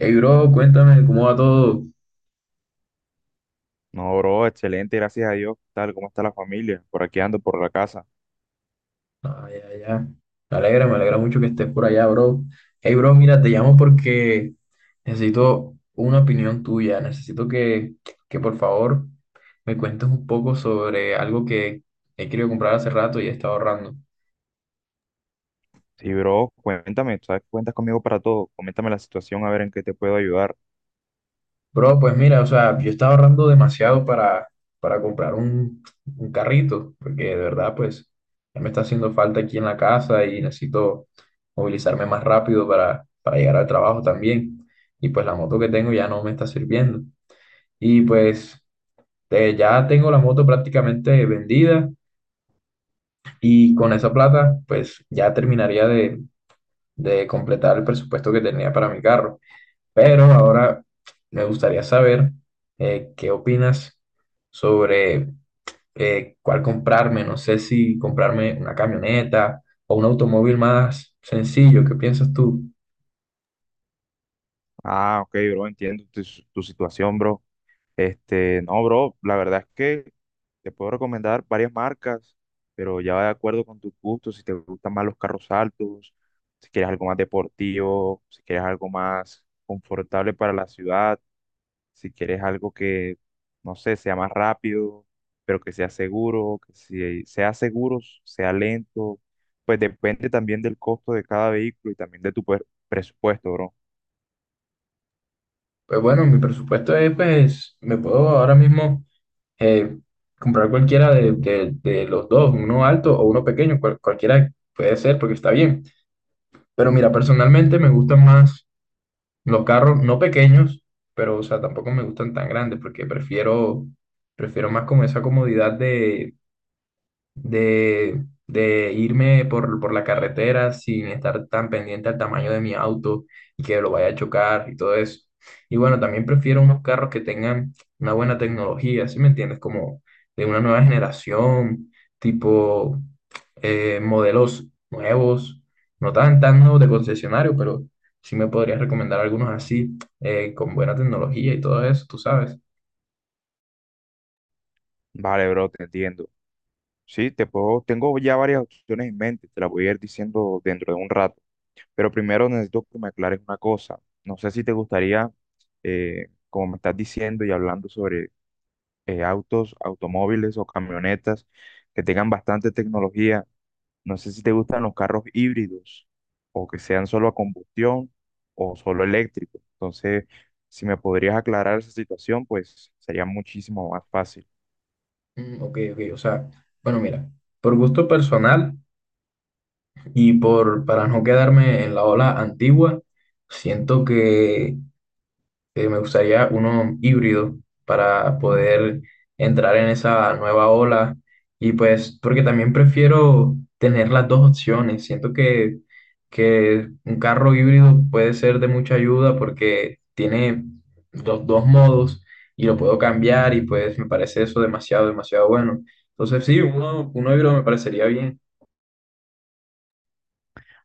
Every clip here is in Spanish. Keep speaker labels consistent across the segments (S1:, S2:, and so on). S1: Hey, bro, cuéntame cómo va todo.
S2: No, bro, excelente, gracias a Dios. ¿Qué tal? ¿Cómo está la familia? Por aquí ando, por la casa.
S1: Ah, ya, ya. Me alegra mucho que estés por allá, bro. Hey, bro, mira, te llamo porque necesito una opinión tuya. Necesito que por favor me cuentes un poco sobre algo que he querido comprar hace rato y he estado ahorrando.
S2: Sí, bro, cuéntame, tú sabes que cuentas conmigo para todo. Coméntame la situación, a ver en qué te puedo ayudar.
S1: Bro, pues mira, o sea, yo estaba ahorrando demasiado para comprar un carrito, porque de verdad, pues, ya me está haciendo falta aquí en la casa y necesito movilizarme más rápido para llegar al trabajo también. Y pues la moto que tengo ya no me está sirviendo. Y pues ya tengo la moto prácticamente vendida y con esa plata, pues ya terminaría de completar el presupuesto que tenía para mi carro. Pero ahora me gustaría saber qué opinas sobre cuál comprarme. No sé si comprarme una camioneta o un automóvil más sencillo. ¿Qué piensas tú?
S2: Ah, ok, bro, entiendo tu situación, bro. Este, no, bro, la verdad es que te puedo recomendar varias marcas, pero ya va de acuerdo con tus gustos, si te gustan más los carros altos, si quieres algo más deportivo, si quieres algo más confortable para la ciudad. Si quieres algo que, no sé, sea más rápido, pero que sea seguro, que si sea seguro, sea lento, pues depende también del costo de cada vehículo y también de presupuesto, bro.
S1: Pues bueno, mi presupuesto es, pues, me puedo ahora mismo eh, comprar cualquiera de los dos, uno alto o uno pequeño, cualquiera puede ser porque está bien. Pero mira, personalmente me gustan más los carros no pequeños, pero o sea, tampoco me gustan tan grandes porque prefiero más como esa comodidad de irme por la carretera sin estar tan pendiente al tamaño de mi auto y que lo vaya a chocar y todo eso. Y bueno, también prefiero unos carros que tengan una buena tecnología, ¿sí me entiendes? Como de una nueva generación, tipo modelos nuevos, no tan nuevos de concesionario, pero sí me podrías recomendar algunos así, con buena tecnología y todo eso, tú sabes.
S2: Vale, bro, te entiendo. Sí, te puedo, tengo ya varias opciones en mente, te las voy a ir diciendo dentro de un rato, pero primero necesito que me aclares una cosa. No sé si te gustaría, como me estás diciendo y hablando sobre autos, automóviles o camionetas que tengan bastante tecnología. No sé si te gustan los carros híbridos o que sean solo a combustión o solo eléctricos. Entonces, si me podrías aclarar esa situación, pues sería muchísimo más fácil.
S1: Ok, ok, o sea, bueno, mira, por gusto personal. Y por, para no quedarme en la ola antigua, siento que me gustaría uno híbrido para poder entrar en esa nueva ola. Y pues, porque también prefiero tener las dos opciones. Siento que un carro híbrido puede ser de mucha ayuda porque tiene dos modos y lo puedo cambiar y pues me parece eso demasiado, demasiado bueno. Entonces, sí, uno híbrido me parecería bien.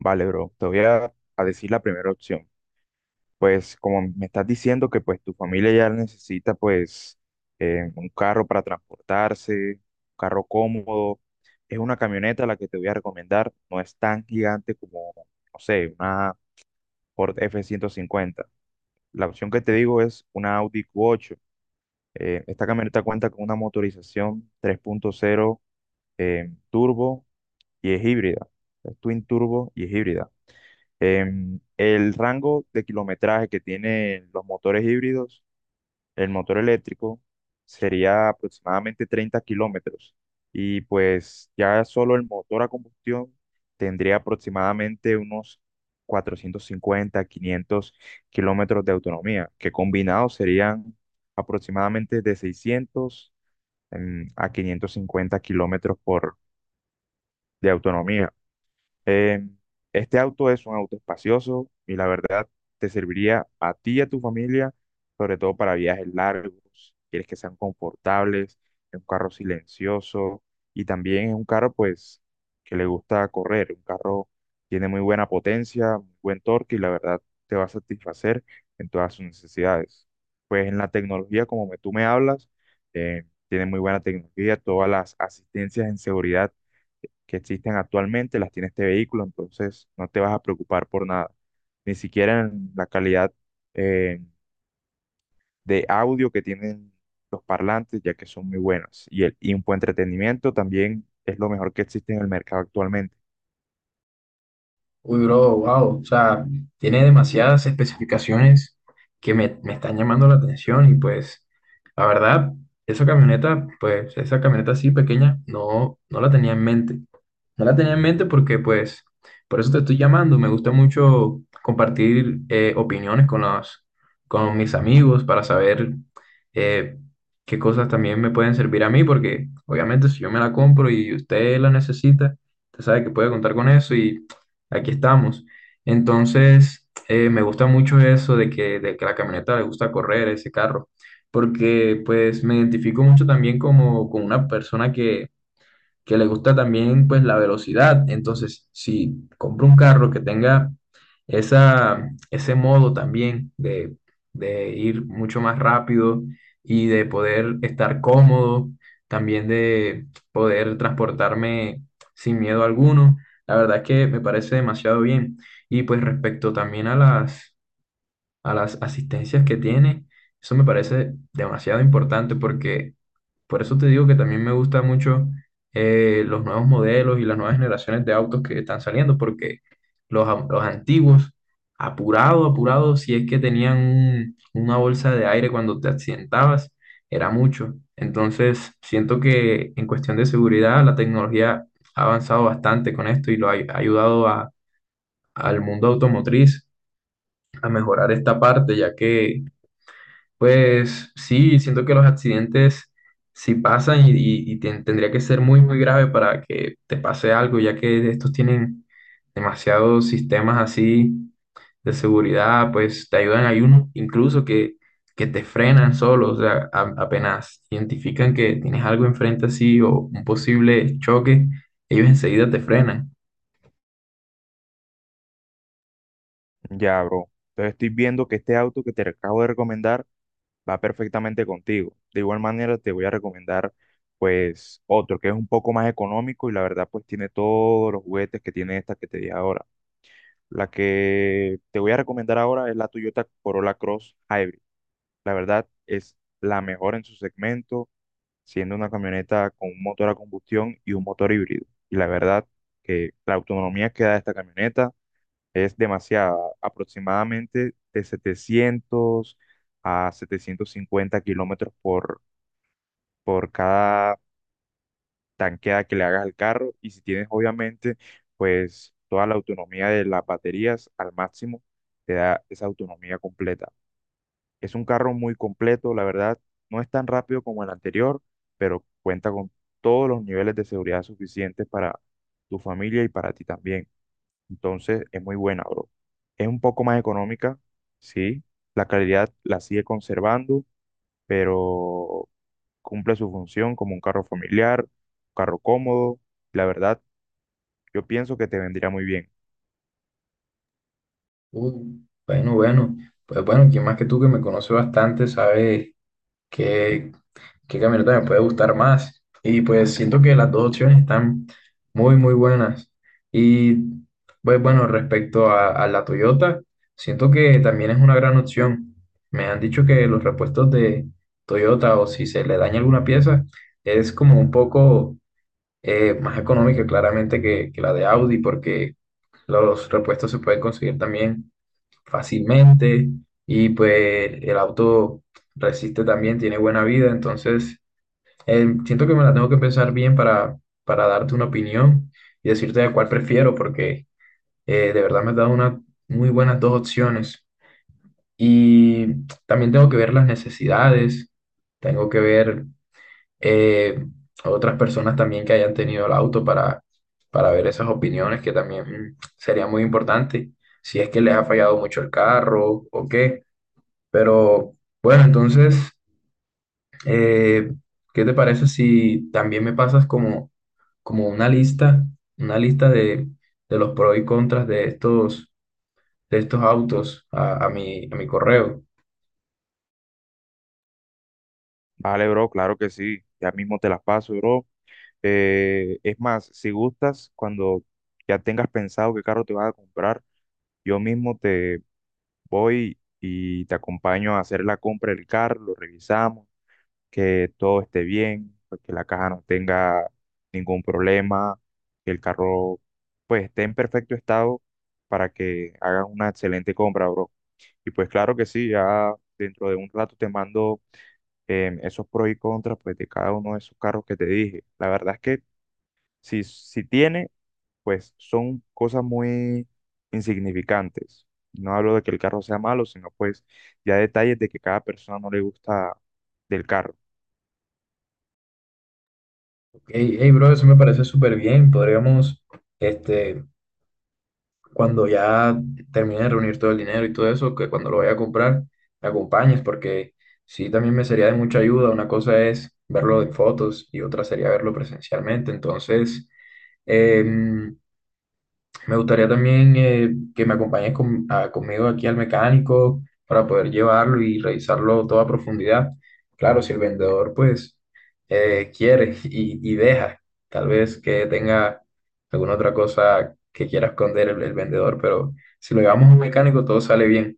S2: Vale, bro, te voy a decir la primera opción. Pues como me estás diciendo que pues tu familia ya necesita pues un carro para transportarse, un carro cómodo, es una camioneta la que te voy a recomendar. No es tan gigante como, no sé, una Ford F-150. La opción que te digo es una Audi Q8. Esta camioneta cuenta con una motorización 3.0, turbo y es híbrida. Es twin turbo y es híbrida. El rango de kilometraje que tienen los motores híbridos, el motor eléctrico, sería aproximadamente 30 kilómetros, y pues ya solo el motor a combustión tendría aproximadamente unos 450, 500 kilómetros de autonomía, que combinados serían aproximadamente de 600 a 550 kilómetros de autonomía. Eh, este auto es un auto espacioso y la verdad te serviría a ti y a tu familia, sobre todo para viajes largos. Quieres que sean confortables, es un carro silencioso y también es un carro pues que le gusta correr. Un carro tiene muy buena potencia, muy buen torque y la verdad te va a satisfacer en todas sus necesidades. Pues en la tecnología, como tú me hablas, tiene muy buena tecnología, todas las asistencias en seguridad que existen actualmente las tiene este vehículo, entonces no te vas a preocupar por nada. Ni siquiera en la calidad eh, de audio que tienen los parlantes, ya que son muy buenas. Y, el, y un buen entretenimiento también es lo mejor que existe en el mercado actualmente.
S1: Uy, bro, wow. O sea, tiene demasiadas especificaciones que me están llamando la atención y pues, la verdad, esa camioneta, pues, esa camioneta así pequeña, no, no la tenía en mente. No la tenía en mente porque, pues, por eso te estoy llamando. Me gusta mucho compartir opiniones con con mis amigos para saber eh, qué cosas también me pueden servir a mí, porque obviamente si yo me la compro y usted la necesita, usted sabe que puede contar con eso aquí estamos. Entonces, me gusta mucho eso de que la camioneta le gusta correr, ese carro, porque pues me identifico mucho también como, como una persona que le gusta también pues la velocidad. Entonces, si compro un carro que tenga ese modo también de ir mucho más rápido y de poder estar cómodo, también de poder transportarme sin miedo alguno, la verdad es que me parece demasiado bien. Y pues respecto también a a las asistencias que tiene, eso me parece demasiado importante porque por eso te digo que también me gusta mucho los nuevos modelos y las nuevas generaciones de autos que están saliendo, porque los antiguos, apurado, apurado, si es que tenían una bolsa de aire cuando te accidentabas, era mucho. Entonces, siento que en cuestión de seguridad, la tecnología ha avanzado bastante con esto y ha ayudado al mundo automotriz a mejorar esta parte, ya que pues sí, siento que los accidentes sí pasan y tendría que ser muy, muy grave para que te pase algo, ya que estos tienen demasiados sistemas así de seguridad, pues te ayudan, hay unos incluso que te frenan solo, o sea, apenas identifican que tienes algo enfrente así o un posible choque, ellos enseguida te frenan.
S2: Ya, bro. Entonces estoy viendo que este auto que te acabo de recomendar va perfectamente contigo. De igual manera te voy a recomendar pues otro que es un poco más económico y la verdad pues tiene todos los juguetes que tiene esta que te dije ahora. La que te voy a recomendar ahora es la Toyota Corolla Cross Hybrid. La verdad es la mejor en su segmento, siendo una camioneta con un motor a combustión y un motor híbrido. Y la verdad que la autonomía que da esta camioneta es demasiada, aproximadamente de 700 a 750 kilómetros por cada tanqueada que le hagas al carro, y si tienes obviamente pues toda la autonomía de las baterías al máximo, te da esa autonomía completa. Es un carro muy completo, la verdad, no es tan rápido como el anterior, pero cuenta con todos los niveles de seguridad suficientes para tu familia y para ti también. Entonces es muy buena, bro. Es un poco más económica, sí, la calidad la sigue conservando, pero cumple su función como un carro familiar, un carro cómodo. La verdad, yo pienso que te vendría muy bien.
S1: Uh, bueno, bueno, pues bueno, quien más que tú que me conoce bastante sabe qué camioneta me puede gustar más. Y pues siento que las dos opciones están muy, muy buenas. Y pues bueno, respecto a la Toyota, siento que también es una gran opción. Me han dicho que los repuestos de Toyota o si se le daña alguna pieza es como un poco más económica claramente que la de Audi porque los repuestos se pueden conseguir también fácilmente y pues el auto resiste también, tiene buena vida, entonces siento que me la tengo que pensar bien para darte una opinión y decirte de cuál prefiero, porque de verdad me has dado muy buenas dos opciones. Y también tengo que ver las necesidades, tengo que ver eh, a otras personas también que hayan tenido el auto para ver esas opiniones, que también sería muy importante, si es que les ha fallado mucho el carro o qué. Pero bueno, entonces… Eh, ¿qué te parece si también me pasas como, como una lista de los pros y contras de de estos autos a mi correo?
S2: Vale, bro, claro que sí. Ya mismo te las paso, bro. Es más, si gustas, cuando ya tengas pensado qué carro te vas a comprar, yo mismo te voy y te acompaño a hacer la compra del carro, lo revisamos, que todo esté bien, pues, que la caja no tenga ningún problema, que el carro pues esté en perfecto estado para que hagas una excelente compra, bro. Y pues claro que sí, ya dentro de un rato te mando esos pros y contras pues, de cada uno de esos carros que te dije. La verdad es que si tiene, pues son cosas muy insignificantes. No hablo de que el carro sea malo, sino pues ya detalles de que cada persona no le gusta del carro.
S1: Hey, hey, bro, eso me parece súper bien. Podríamos, este, cuando ya termine de reunir todo el dinero y todo eso, que cuando lo vaya a comprar, me acompañes, porque sí, también me sería de mucha ayuda. Una cosa es verlo en fotos y otra sería verlo presencialmente. Entonces, em, me gustaría también que me acompañes conmigo aquí al mecánico para poder llevarlo y revisarlo todo a profundidad. Claro, si el vendedor pues quiere y deja, tal vez que tenga alguna otra cosa que quiera esconder el vendedor, pero si lo llevamos a un mecánico todo sale bien.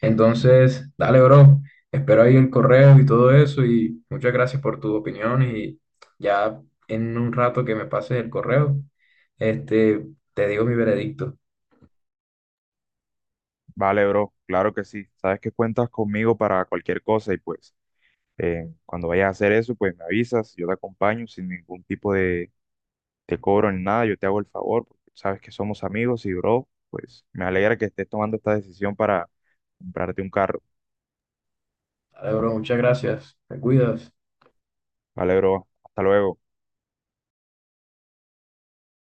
S1: Entonces, dale, bro. Espero ahí el correo y todo eso. Y muchas gracias por tu opinión. Y ya en un rato que me pases el correo, este, te digo mi veredicto.
S2: Vale, bro, claro que sí. Sabes que cuentas conmigo para cualquier cosa y pues cuando vayas a hacer eso, pues me avisas, yo te acompaño sin ningún tipo de te cobro ni nada, yo te hago el favor, porque sabes que somos amigos y bro, pues me alegra que estés tomando esta decisión para comprarte un carro.
S1: Dale, bro. Muchas gracias. Te cuidas.
S2: Vale, bro, hasta luego.